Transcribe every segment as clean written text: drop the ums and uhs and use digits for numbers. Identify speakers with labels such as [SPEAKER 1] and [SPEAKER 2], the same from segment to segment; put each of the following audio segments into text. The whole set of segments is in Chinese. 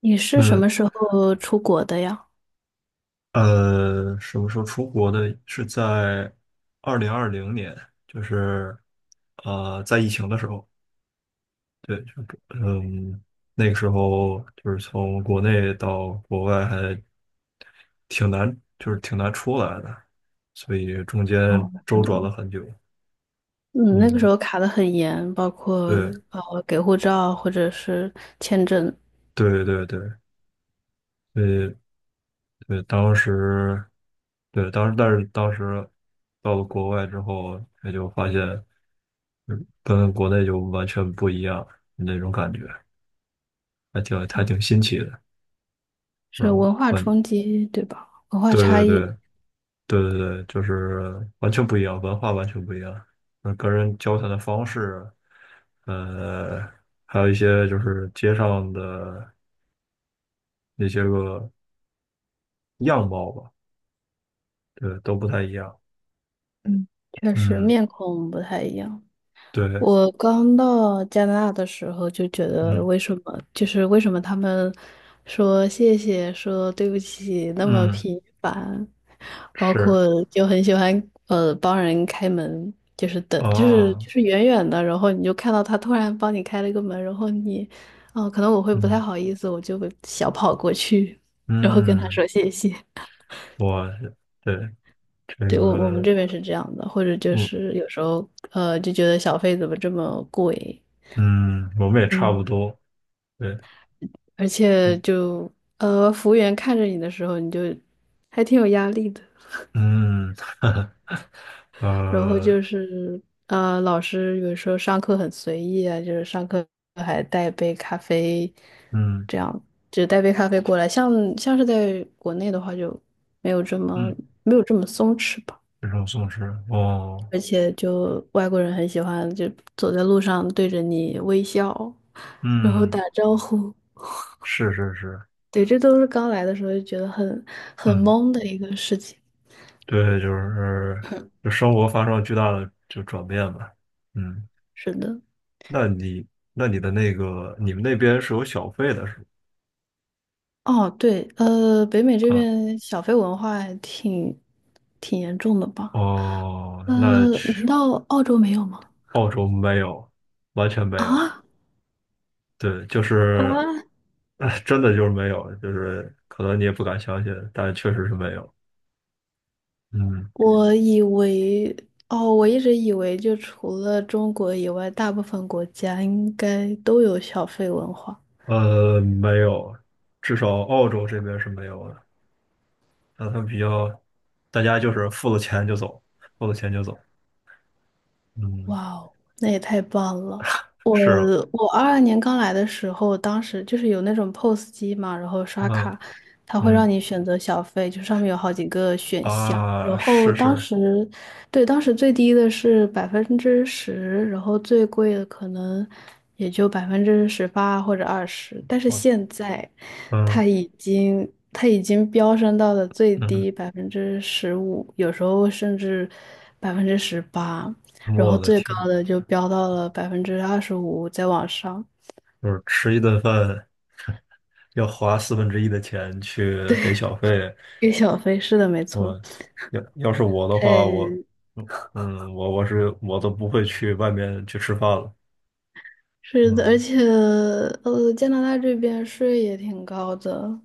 [SPEAKER 1] 你是什
[SPEAKER 2] 嗯。
[SPEAKER 1] 么时候出国的呀？
[SPEAKER 2] 什么时候出国的？是在2020年，就是在疫情的时候，对，就嗯，那个时候就是从国内到国外还挺难，就是挺难出来的，所以中间
[SPEAKER 1] 哦，是
[SPEAKER 2] 周转
[SPEAKER 1] 的，
[SPEAKER 2] 了很久。
[SPEAKER 1] 嗯，那个时
[SPEAKER 2] 嗯，
[SPEAKER 1] 候卡得很严，包括
[SPEAKER 2] 对
[SPEAKER 1] 给护照或者是签证，
[SPEAKER 2] 对对对，对对，当时对当时但是当时到了国外之后，也就发现。跟国内就完全不一样那种感觉，还挺新奇的，是
[SPEAKER 1] 是
[SPEAKER 2] 吧？
[SPEAKER 1] 文化冲击，对吧？文化
[SPEAKER 2] 对
[SPEAKER 1] 差
[SPEAKER 2] 对
[SPEAKER 1] 异，
[SPEAKER 2] 对对对对，就是完全不一样，文化完全不一样，跟人交谈的方式，呃，还有一些就是街上的那些个样貌吧，对，都不太一样。
[SPEAKER 1] 嗯，确实
[SPEAKER 2] 嗯，
[SPEAKER 1] 面孔不太一样。
[SPEAKER 2] 对，
[SPEAKER 1] 我刚到加拿大的时候就觉得，
[SPEAKER 2] 嗯
[SPEAKER 1] 为什么他们说谢谢、说对不起那么
[SPEAKER 2] 嗯，
[SPEAKER 1] 频繁，包
[SPEAKER 2] 是，
[SPEAKER 1] 括就很喜欢帮人开门，就是等就是
[SPEAKER 2] 哦，
[SPEAKER 1] 就是远远的，然后你就看到他突然帮你开了一个门，然后你哦可能我会不太
[SPEAKER 2] 嗯
[SPEAKER 1] 好意思，我就会小跑过去，然后跟他
[SPEAKER 2] 嗯，
[SPEAKER 1] 说谢谢。
[SPEAKER 2] 我，对，这
[SPEAKER 1] 对，我们
[SPEAKER 2] 个。
[SPEAKER 1] 这边是这样的，或者就
[SPEAKER 2] 嗯，
[SPEAKER 1] 是有时候就觉得小费怎么这么贵。
[SPEAKER 2] 嗯，我们也差不
[SPEAKER 1] 嗯，
[SPEAKER 2] 多。对，
[SPEAKER 1] 而且
[SPEAKER 2] 嗯
[SPEAKER 1] 就服务员看着你的时候，你就还挺有压力的。
[SPEAKER 2] 嗯，
[SPEAKER 1] 然后
[SPEAKER 2] 呃，
[SPEAKER 1] 就是老师有时候上课很随意啊，就是上课还带杯咖啡，
[SPEAKER 2] 嗯
[SPEAKER 1] 这样就带杯咖啡过来。像是在国内的话，就没有这么
[SPEAKER 2] 嗯，
[SPEAKER 1] 没有这么松弛吧。
[SPEAKER 2] 这种松弛。哦，
[SPEAKER 1] 而且就外国人很喜欢就走在路上对着你微笑，然后打
[SPEAKER 2] 嗯，
[SPEAKER 1] 招呼。
[SPEAKER 2] 是是是，
[SPEAKER 1] 对，这都是刚来的时候就觉得很
[SPEAKER 2] 嗯，
[SPEAKER 1] 懵的一个事情。
[SPEAKER 2] 对，就是就生活发生了巨大的就转变吧。嗯，
[SPEAKER 1] 是的，
[SPEAKER 2] 那你们那边是有小费的是
[SPEAKER 1] 哦，对，北美这
[SPEAKER 2] 吧？啊，
[SPEAKER 1] 边小费文化还挺严重的吧？
[SPEAKER 2] 哦，
[SPEAKER 1] 呃，
[SPEAKER 2] 那去
[SPEAKER 1] 难道澳洲没有吗？
[SPEAKER 2] 澳洲没有，完全没有。
[SPEAKER 1] 啊，
[SPEAKER 2] 对，就是，
[SPEAKER 1] 啊，
[SPEAKER 2] 哎，真的就是没有，就是可能你也不敢相信，但确实是没有。嗯，
[SPEAKER 1] 我以为，哦，我一直以为就除了中国以外，大部分国家应该都有小费文化。
[SPEAKER 2] 没有，至少澳洲这边是没有的。那他们比较，大家就是付了钱就走，付了钱就走。嗯，
[SPEAKER 1] 哇哦，那也太棒了！我
[SPEAKER 2] 是，
[SPEAKER 1] 我22年刚来的时候，当时就是有那种 POS 机嘛，然后刷
[SPEAKER 2] 嗯
[SPEAKER 1] 卡，它会让
[SPEAKER 2] 嗯
[SPEAKER 1] 你选择小费，就上面有好几个选项。
[SPEAKER 2] 啊，
[SPEAKER 1] 然后
[SPEAKER 2] 是
[SPEAKER 1] 当
[SPEAKER 2] 是，
[SPEAKER 1] 时，对，当时最低的是百分之十，然后最贵的可能也就百分之十八或者二十。但是
[SPEAKER 2] 我
[SPEAKER 1] 现在，
[SPEAKER 2] 嗯
[SPEAKER 1] 它已经飙升到了最
[SPEAKER 2] 嗯，
[SPEAKER 1] 低15%，有时候甚至百分之十八。然后
[SPEAKER 2] 我的
[SPEAKER 1] 最高
[SPEAKER 2] 天。
[SPEAKER 1] 的就飙到了25%，再往上。
[SPEAKER 2] 就是吃一顿饭要花四分之一的钱去给小费，
[SPEAKER 1] 给小飞是的，没错，
[SPEAKER 2] 我，要是我的话，我
[SPEAKER 1] 太
[SPEAKER 2] 嗯嗯我我是我都不会去外面去吃饭了。
[SPEAKER 1] 是的，而
[SPEAKER 2] 嗯，
[SPEAKER 1] 且加拿大这边税也挺高的，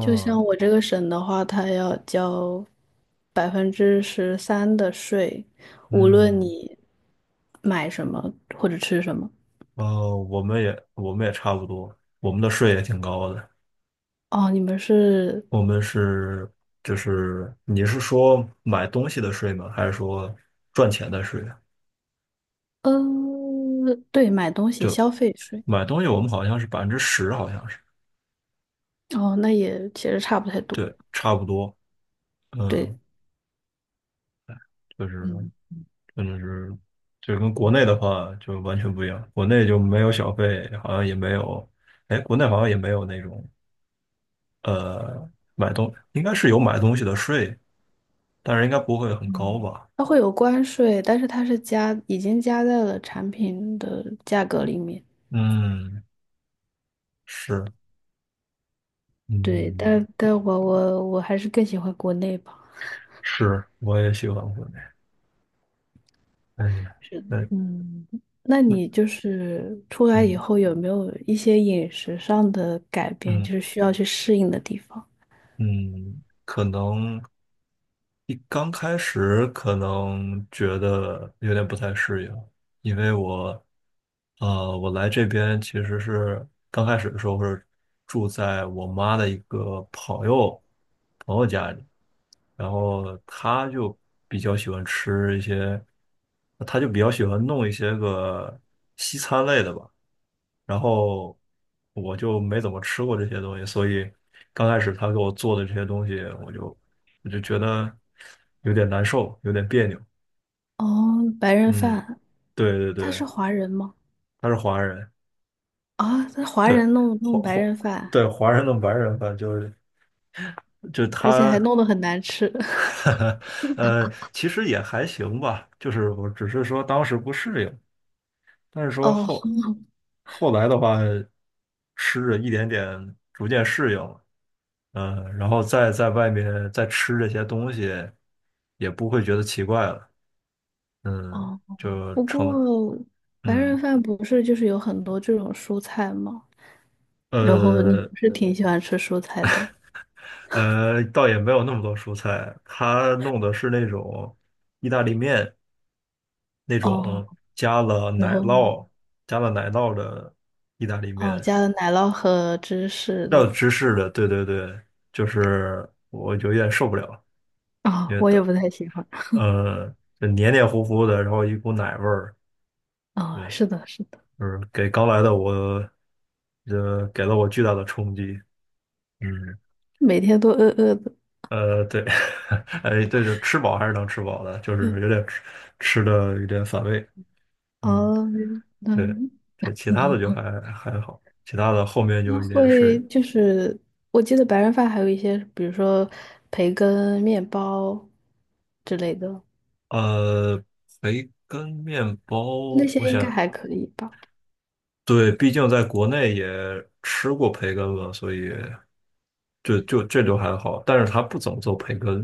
[SPEAKER 1] 就像我这个省的话，它要交13%的税，无论
[SPEAKER 2] 嗯，
[SPEAKER 1] 你买什么或者吃什么。
[SPEAKER 2] 哦，我们也差不多，我们的税也挺高的。
[SPEAKER 1] 哦，你们是
[SPEAKER 2] 我们是就是你是说买东西的税吗？还是说赚钱的税啊？
[SPEAKER 1] 呃，对，买东西消费税。
[SPEAKER 2] 买东西我们好像是10%，好像是。
[SPEAKER 1] 哦，那也其实差不太多。
[SPEAKER 2] 对，差不多。
[SPEAKER 1] 对。
[SPEAKER 2] 嗯，就是。
[SPEAKER 1] 嗯。
[SPEAKER 2] 那就是就跟国内的话就完全不一样，国内就没有小费，好像也没有，哎，国内好像也没有那种呃买东，应该是有买东西的税，但是应该不会很高吧？
[SPEAKER 1] 它会有关税，但是它是加，已经加在了产品的价格里面。
[SPEAKER 2] 嗯，是，
[SPEAKER 1] 对，
[SPEAKER 2] 嗯，
[SPEAKER 1] 但我还是更喜欢国内吧。
[SPEAKER 2] 是，我也喜欢国内。哎呀，
[SPEAKER 1] 是的
[SPEAKER 2] 那
[SPEAKER 1] 嗯，那
[SPEAKER 2] 那
[SPEAKER 1] 你就是出来以
[SPEAKER 2] 嗯
[SPEAKER 1] 后有没有一些饮食上的改变，
[SPEAKER 2] 嗯
[SPEAKER 1] 就是需要去适应的地方？
[SPEAKER 2] 嗯，可能一刚开始可能觉得有点不太适应，因为我来这边其实是刚开始的时候是住在我妈的一个朋友家里，然后她就比较喜欢吃一些，她就比较喜欢弄一些个西餐类的吧，然后我就没怎么吃过这些东西，所以刚开始她给我做的这些东西，我就我就觉得有点难受，有点别扭。
[SPEAKER 1] 哦，白人
[SPEAKER 2] 嗯，
[SPEAKER 1] 饭，
[SPEAKER 2] 对对
[SPEAKER 1] 他是
[SPEAKER 2] 对，
[SPEAKER 1] 华人吗？
[SPEAKER 2] 她是华人。
[SPEAKER 1] 啊，他华
[SPEAKER 2] 对，
[SPEAKER 1] 人弄
[SPEAKER 2] 华
[SPEAKER 1] 弄白
[SPEAKER 2] 华
[SPEAKER 1] 人饭，
[SPEAKER 2] 对，华人跟白人吧，就是就
[SPEAKER 1] 而且还
[SPEAKER 2] 他，
[SPEAKER 1] 弄得很难吃。
[SPEAKER 2] 其实也还行吧，就是我只是说当时不适应，但是说
[SPEAKER 1] 哦
[SPEAKER 2] 后后来的话，吃着一点点逐渐适应了。嗯、然后再在外面再吃这些东西，也不会觉得奇怪了。嗯，
[SPEAKER 1] 哦，不过白
[SPEAKER 2] 嗯。
[SPEAKER 1] 人饭不是就是有很多这种蔬菜吗？然后你
[SPEAKER 2] 呃
[SPEAKER 1] 不是挺喜欢吃蔬菜的
[SPEAKER 2] 倒也没有那么多蔬菜，他弄的是那种意大利面，那
[SPEAKER 1] 哦，
[SPEAKER 2] 种
[SPEAKER 1] 然后
[SPEAKER 2] 加了奶酪的意大利
[SPEAKER 1] 哦
[SPEAKER 2] 面，
[SPEAKER 1] 加了奶酪和芝士
[SPEAKER 2] 要
[SPEAKER 1] 的
[SPEAKER 2] 有芝士的，对对对，就是我有点受不了，
[SPEAKER 1] 啊、
[SPEAKER 2] 因为
[SPEAKER 1] 我也
[SPEAKER 2] 的，
[SPEAKER 1] 不太喜欢
[SPEAKER 2] 呃，就黏黏糊糊的，然后一股奶味儿。
[SPEAKER 1] 啊、
[SPEAKER 2] 对，
[SPEAKER 1] 是的，是的，
[SPEAKER 2] 就是给刚来的我，给了我巨大的冲击。嗯，
[SPEAKER 1] 每天都饿饿的，
[SPEAKER 2] 对，哎，对，就吃饱还是能吃饱的，就是有点吃的有点反胃。嗯，
[SPEAKER 1] 哦，那
[SPEAKER 2] 对，
[SPEAKER 1] 嗯
[SPEAKER 2] 这其他的就还好，其他的后面就
[SPEAKER 1] 那
[SPEAKER 2] 有一点适
[SPEAKER 1] 会
[SPEAKER 2] 应。
[SPEAKER 1] 就是我记得白人饭还有一些，比如说培根、面包之类的，
[SPEAKER 2] 呃，培根面
[SPEAKER 1] 那
[SPEAKER 2] 包，
[SPEAKER 1] 些
[SPEAKER 2] 我
[SPEAKER 1] 应该
[SPEAKER 2] 想，
[SPEAKER 1] 还可以吧。
[SPEAKER 2] 对，毕竟在国内也吃过培根嘛，所以这还好，但是他不怎么做培根。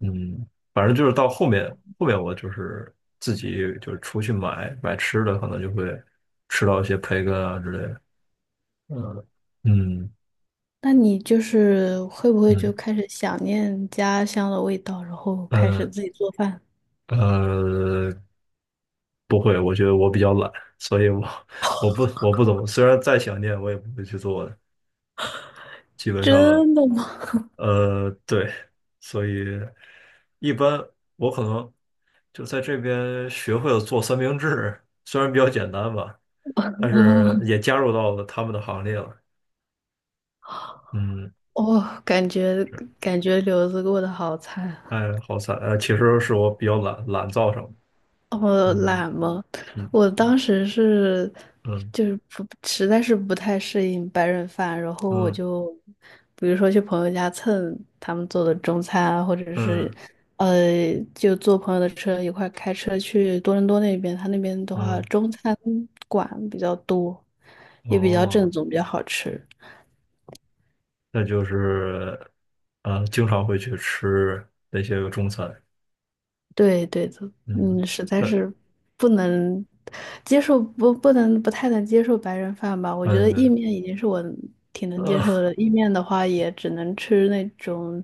[SPEAKER 2] 嗯，反正就是到后面我就是自己就是出去买吃的，可能就会吃到一些培根啊之类的。嗯嗯
[SPEAKER 1] 那你就是会不会就
[SPEAKER 2] 嗯，
[SPEAKER 1] 开始想念家乡的味道，然后开始
[SPEAKER 2] 呃
[SPEAKER 1] 自己做饭？
[SPEAKER 2] 呃，不会，我觉得我比较懒，所以我不怎么，虽然再想念，我也不会去做的。基本上，
[SPEAKER 1] 真的吗？
[SPEAKER 2] 对，所以一般我可能就在这边学会了做三明治，虽然比较简单吧，但
[SPEAKER 1] 哦，
[SPEAKER 2] 是也加入到了他们的行列了。嗯，
[SPEAKER 1] 哦，感觉
[SPEAKER 2] 是，
[SPEAKER 1] 感觉留子过得好惨。
[SPEAKER 2] 哎，好惨，其实是我比较懒造成的。
[SPEAKER 1] 哦，
[SPEAKER 2] 嗯
[SPEAKER 1] 懒吗？
[SPEAKER 2] 嗯
[SPEAKER 1] 我
[SPEAKER 2] 嗯
[SPEAKER 1] 当时是就是不实在是不太适应白人饭，然后我
[SPEAKER 2] 嗯
[SPEAKER 1] 就比如说去朋友家蹭他们做的中餐啊，或者是
[SPEAKER 2] 嗯
[SPEAKER 1] 就坐朋友的车一块儿开车去多伦多那边，他那边的话
[SPEAKER 2] 嗯，
[SPEAKER 1] 中餐馆比较多，
[SPEAKER 2] 嗯，
[SPEAKER 1] 也比较正
[SPEAKER 2] 哦，
[SPEAKER 1] 宗，比较好吃。
[SPEAKER 2] 那就是啊，经常会去吃那些个中餐。
[SPEAKER 1] 对对的，
[SPEAKER 2] 嗯，
[SPEAKER 1] 嗯，实在
[SPEAKER 2] 但
[SPEAKER 1] 是不能接受，不太能接受白人饭吧。我觉得意
[SPEAKER 2] 嗯
[SPEAKER 1] 面已经是我挺能接
[SPEAKER 2] 嗯。
[SPEAKER 1] 受的了，意面的话也只能吃那种，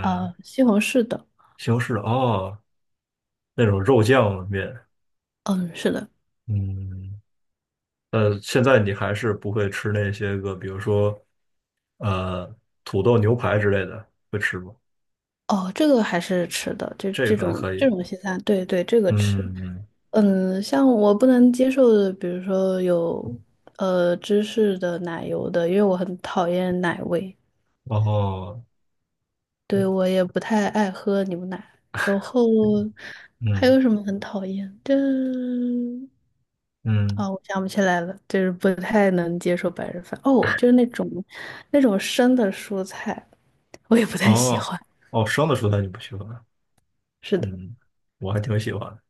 [SPEAKER 1] 西红柿的。
[SPEAKER 2] 西红柿。哦，那种肉酱面。
[SPEAKER 1] 嗯，是的，
[SPEAKER 2] 嗯，现在你还是不会吃那些个，比如说呃土豆牛排之类的，会吃吗？
[SPEAKER 1] 哦，这个还是吃的，这
[SPEAKER 2] 这
[SPEAKER 1] 这
[SPEAKER 2] 个还
[SPEAKER 1] 种
[SPEAKER 2] 可以，
[SPEAKER 1] 这种西餐，对对，这个吃。
[SPEAKER 2] 嗯嗯，
[SPEAKER 1] 嗯，像我不能接受的，比如说有芝士的、奶油的，因为我很讨厌奶味。
[SPEAKER 2] 然后
[SPEAKER 1] 对，我也不太爱喝牛奶。然后还
[SPEAKER 2] 嗯
[SPEAKER 1] 有什么很讨厌？的？
[SPEAKER 2] 嗯，
[SPEAKER 1] 啊、我想不起来了，就是不太能接受白人饭。哦，就是那种生的蔬菜，我也不太喜
[SPEAKER 2] 哦，
[SPEAKER 1] 欢。
[SPEAKER 2] 哦，生的蔬菜你不喜欢啊。
[SPEAKER 1] 是的，
[SPEAKER 2] 嗯，我还挺喜欢的。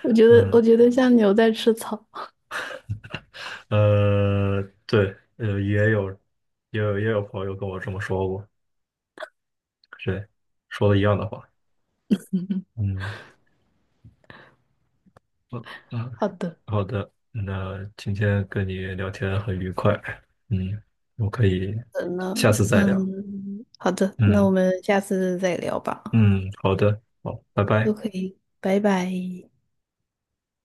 [SPEAKER 1] 我觉得我
[SPEAKER 2] 嗯
[SPEAKER 1] 觉得像牛在吃草。
[SPEAKER 2] 呃，对，也有朋友跟我这么说过，对，说的一样的话。嗯嗯
[SPEAKER 1] 好的，
[SPEAKER 2] 好的，那今天跟你聊天很愉快。嗯，我可以
[SPEAKER 1] 那
[SPEAKER 2] 下次再聊，
[SPEAKER 1] 嗯，好的，那我
[SPEAKER 2] 嗯
[SPEAKER 1] 们下次再聊吧。
[SPEAKER 2] 嗯，好的，好，拜
[SPEAKER 1] 都
[SPEAKER 2] 拜。
[SPEAKER 1] 可以，拜拜。